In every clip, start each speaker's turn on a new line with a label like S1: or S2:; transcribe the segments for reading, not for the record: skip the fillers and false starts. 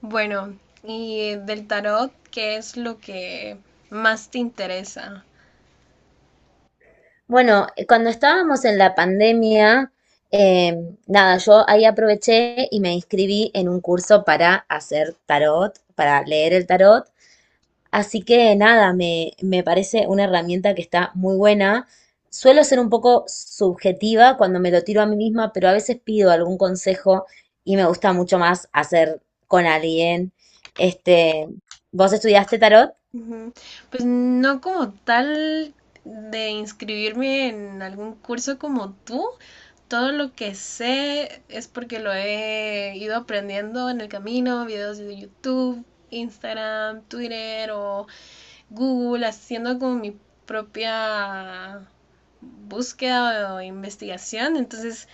S1: Bueno, y del tarot, ¿qué es lo que más te interesa?
S2: Bueno, cuando estábamos en la pandemia, eh, nada, yo ahí aproveché y me inscribí en un curso para hacer tarot, para leer el tarot. Así que nada, me parece una herramienta que está muy buena. Suelo ser un poco subjetiva cuando me lo tiro a mí misma, pero a veces pido algún consejo y me gusta mucho más hacer con alguien. Este, ¿Vos estudiaste tarot?
S1: Ujú. Pues no como tal de inscribirme en algún curso como tú. Todo lo que sé es porque lo he ido aprendiendo en el camino, videos de YouTube, Instagram, Twitter o Google, haciendo como mi propia búsqueda o investigación. Entonces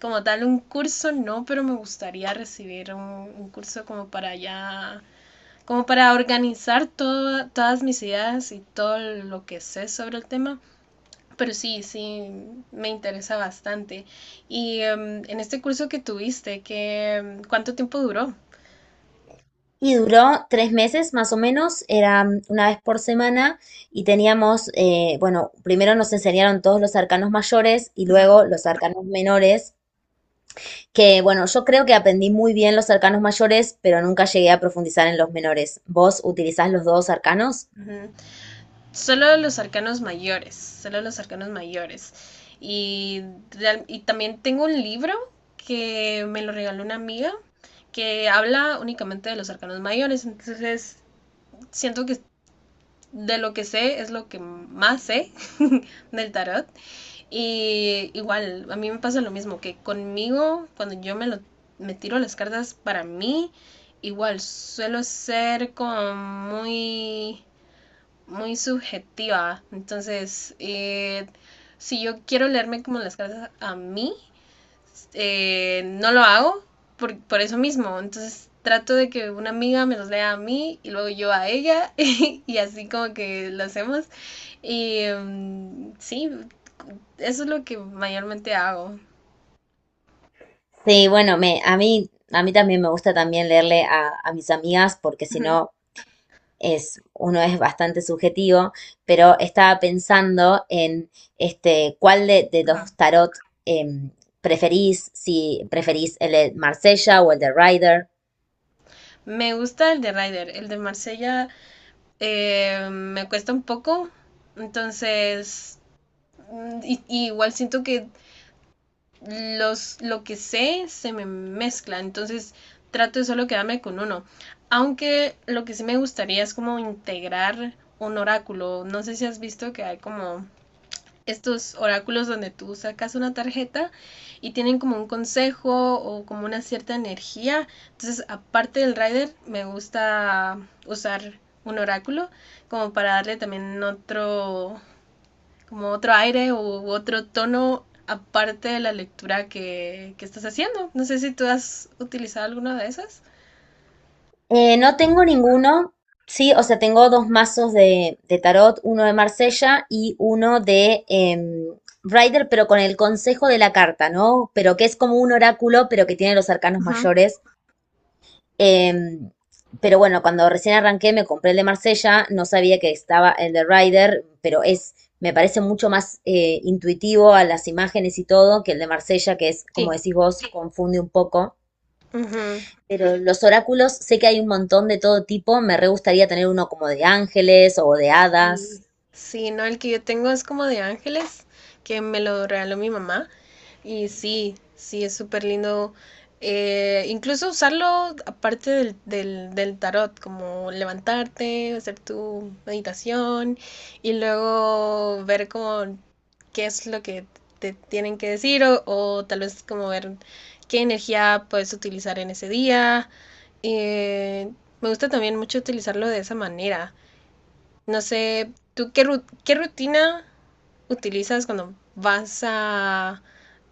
S1: como tal un curso, no, pero me gustaría recibir un curso como para ya, como para organizar todo, todas mis ideas y todo lo que sé sobre el tema. Pero sí, sí, me interesa bastante. Y en este curso que tuviste, ¿qué, cuánto tiempo duró?
S2: Y duró 3 meses más o menos, era una vez por semana y teníamos, bueno, primero nos enseñaron todos los arcanos mayores y
S1: Ujú.
S2: luego los arcanos menores, que bueno, yo creo que aprendí muy bien los arcanos mayores, pero nunca llegué a profundizar en los menores. ¿Vos utilizás los dos arcanos?
S1: Ujú. Solo los arcanos mayores, solo los arcanos mayores. Y, y también tengo un libro que me lo regaló una amiga que habla únicamente de los arcanos mayores. Entonces, siento que de lo que sé es lo que más sé del tarot. Y igual, a mí me pasa lo mismo, que conmigo, cuando yo me, lo, me tiro las cartas para mí, igual suelo ser como muy subjetiva. Entonces, si yo quiero leerme como las cartas a mí, no lo hago eso mismo. Entonces, trato de que una amiga me los lea a mí y luego yo a ella y así como que lo hacemos. Y sí, eso es lo que mayormente hago.
S2: Sí, bueno, a mí también me gusta también leerle a mis amigas porque
S1: Uh
S2: si
S1: -huh.
S2: no, uno es bastante subjetivo, pero estaba pensando en cuál de los tarot em, preferís, si preferís el de Marsella o el de Rider.
S1: Me gusta el de Ryder, el de Marsella me cuesta un poco, entonces y igual siento que los, lo que sé se me mezcla, entonces trato de solo quedarme con uno. Aunque lo que sí me gustaría es como integrar un oráculo. No sé si has visto que hay como estos oráculos donde tú sacas una tarjeta y tienen como un consejo o como una cierta energía. Entonces, aparte del rider, me gusta usar un oráculo como para darle también otro, como otro aire u otro tono aparte de la lectura que estás haciendo. No sé si tú has utilizado alguna de esas.
S2: No tengo ninguno, sí, o sea, tengo dos mazos de tarot, uno de Marsella y uno de Rider, pero con el consejo de la carta, ¿no? Pero que es como un oráculo, pero que tiene los arcanos
S1: Ujú.
S2: mayores. Em, pero bueno, cuando recién arranqué me compré el de Marsella, no sabía que estaba el de Rider, pero me parece mucho más intuitivo a las imágenes y todo que el de Marsella, que es, como
S1: Sí.
S2: decís vos, confunde un poco.
S1: Ujú.
S2: Pero los oráculos, sé que hay un montón de todo tipo, me re gustaría tener uno como de ángeles o de hadas.
S1: Sí, no, el que yo tengo es como de ángeles, que me lo regaló mi mamá. Y sí, sí, es súper lindo. Incluso usarlo aparte del tarot, como levantarte, hacer tu meditación y luego ver como qué es lo que te tienen que decir o tal vez como ver qué energía puedes utilizar en ese día. Eh, Me gusta también mucho utilizarlo de esa manera. No sé, ¿tú qué, qué rutina utilizas cuando vas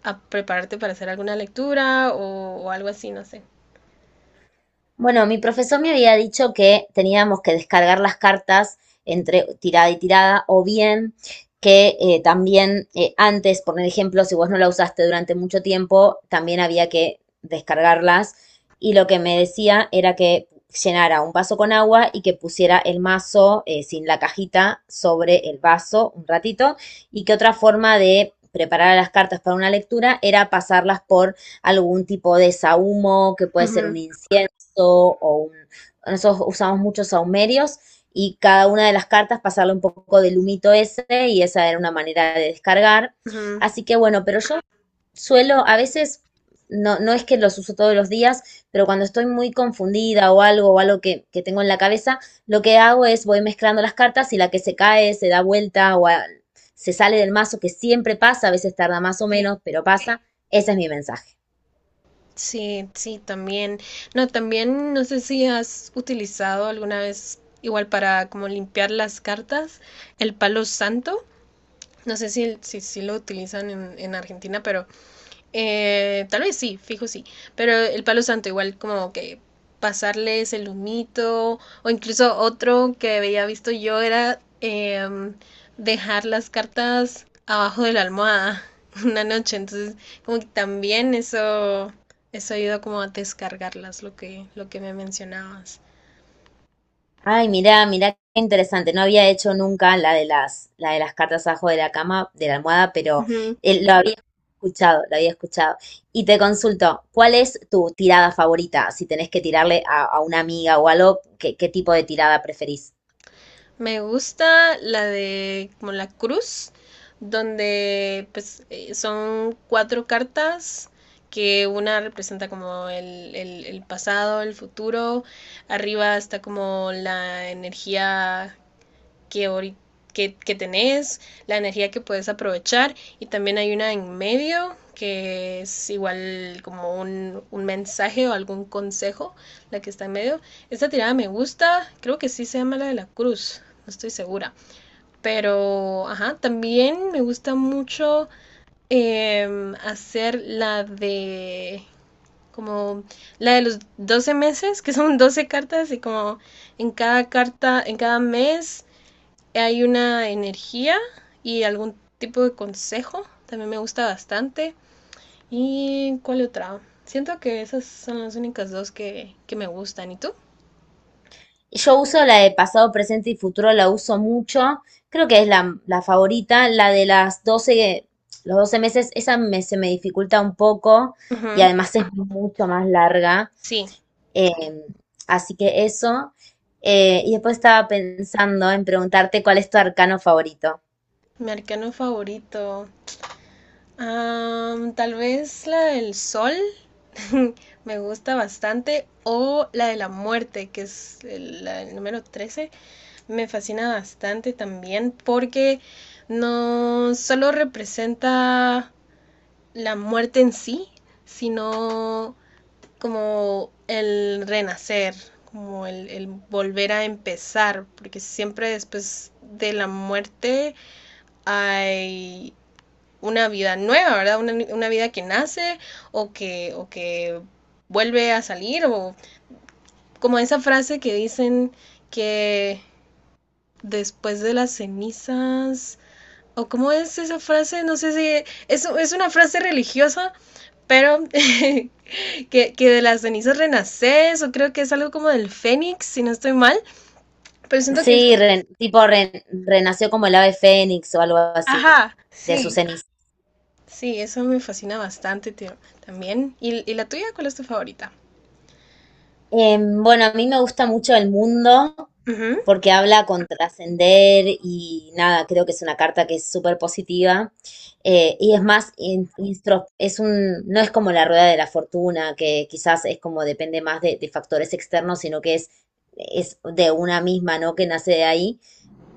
S1: a prepararte para hacer alguna lectura o algo así? No sé.
S2: Bueno, mi profesor me había dicho que teníamos que descargar las cartas entre tirada y tirada, o bien que también antes, por ejemplo, si vos no la usaste durante mucho tiempo, también había que descargarlas. Y lo que me decía era que llenara un vaso con agua y que pusiera el mazo sin la cajita sobre el vaso un ratito y que otra forma de preparar las cartas para una lectura era pasarlas por algún tipo de sahumo, que puede ser un
S1: Ujú.
S2: incienso. Nosotros usamos muchos saumerios y cada una de las cartas pasarle un poco del humito ese y esa era una manera de descargar.
S1: Ujú.
S2: Así que bueno, pero yo suelo a veces, no, no es que los uso todos los días, pero cuando estoy muy confundida o algo que tengo en la cabeza, lo que hago es voy mezclando las cartas y la que se cae se da vuelta, se sale del mazo, que siempre pasa, a veces tarda más o
S1: Sí,
S2: menos, pero pasa. Ese es mi mensaje.
S1: sí, sí, también. No, también no sé si has utilizado alguna vez, igual para como limpiar las cartas, el palo santo. No sé si, si, si lo utilizan en Argentina, pero tal vez sí, fijo sí. Pero el palo santo, igual como que pasarles el humito, o incluso otro que había visto yo era dejar las cartas abajo de la almohada una noche. Entonces, como que también eso ayuda como a descargarlas, lo que me mencionabas.
S2: Ay, mirá, mirá, qué interesante. No había hecho nunca la de las cartas abajo de la cama, de la almohada, pero lo había escuchado, lo había escuchado. Y te consulto, ¿cuál es tu tirada favorita? Si tenés que tirarle a una amiga o algo, ¿qué tipo de tirada preferís?
S1: Me gusta la de como la cruz, donde pues son cuatro cartas que una representa como el pasado, el futuro, arriba está como la energía que, que tenés, la energía que puedes aprovechar, y también hay una en medio que es igual como un mensaje o algún consejo, la que está en medio. Esta tirada me gusta, creo que sí se llama la de la cruz, no estoy segura. Pero, ajá, también me gusta mucho hacer la de como la de los 12 meses, que son 12 cartas y como en cada carta, en cada mes hay una energía y algún tipo de consejo, también me gusta bastante. ¿Y cuál otra? Siento que esas son las únicas dos que me gustan. ¿Y tú?
S2: Yo uso la de pasado, presente y futuro, la uso mucho. Creo que es la favorita. La de las 12 Los 12 meses, esa se me dificulta un poco y
S1: Ujú.
S2: además es mucho más larga.
S1: Sí,
S2: Em, Así que eso. Y después estaba pensando en preguntarte cuál es tu arcano favorito.
S1: mi arcano favorito. Tal vez la del sol me gusta bastante, o la de la muerte, que es la del número 13. Me fascina bastante también porque no solo representa la muerte en sí, sino como el renacer, como volver a empezar, porque siempre después de la muerte hay una vida nueva, ¿verdad? Una vida que nace o que vuelve a salir, o como esa frase que dicen que después de las cenizas, o cómo es esa frase, no sé si es, es una frase religiosa, pero que, de las cenizas renaces, o creo que es algo como del fénix, si no estoy mal, pero siento que eso,
S2: Sí, tipo renació como el ave fénix o algo así,
S1: ajá,
S2: de sus
S1: sí,
S2: cenizas.
S1: sí, eso me fascina bastante tío, también. ¿Y ¿Y, la tuya cuál es tu favorita?
S2: Bueno, a mí me gusta mucho el mundo.
S1: Uh -huh,
S2: Porque habla con trascender y nada, creo que es una carta que es súper positiva. Y es más, no es como la rueda de la fortuna, que quizás es como depende más de factores externos, sino que es de una misma, ¿no? Que nace de ahí.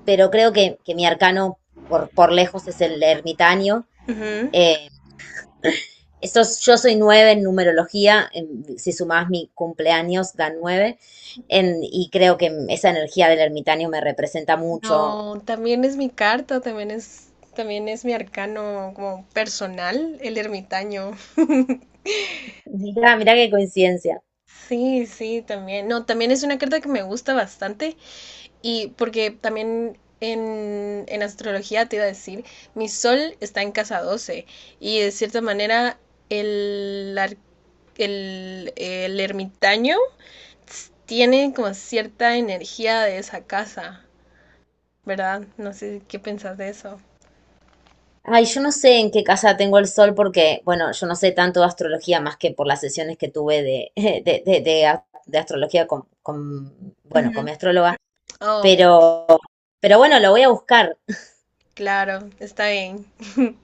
S2: Pero creo que mi arcano por lejos es el ermitaño.
S1: uh -huh.
S2: Eh, yo soy nueve en numerología, si sumás mi cumpleaños da nueve, y creo que esa energía del ermitaño me representa mucho.
S1: No, también es mi carta, también es... También es mi arcano como personal, el ermitaño.
S2: Mirá, mirá qué coincidencia.
S1: Sí, sí, también. No, también es una carta que me gusta bastante. Y porque también en astrología te iba a decir, mi sol está en casa 12, y de cierta manera el, el ermitaño tiene como cierta energía de esa casa, ¿verdad? No sé qué pensás de eso.
S2: Ay, yo no sé en qué casa tengo el sol porque, bueno, yo no sé tanto de astrología más que por las sesiones que tuve de astrología bueno, con
S1: Ujú.
S2: mi astróloga,
S1: Oh,
S2: pero, pero bueno, lo voy a buscar.
S1: claro, está bien.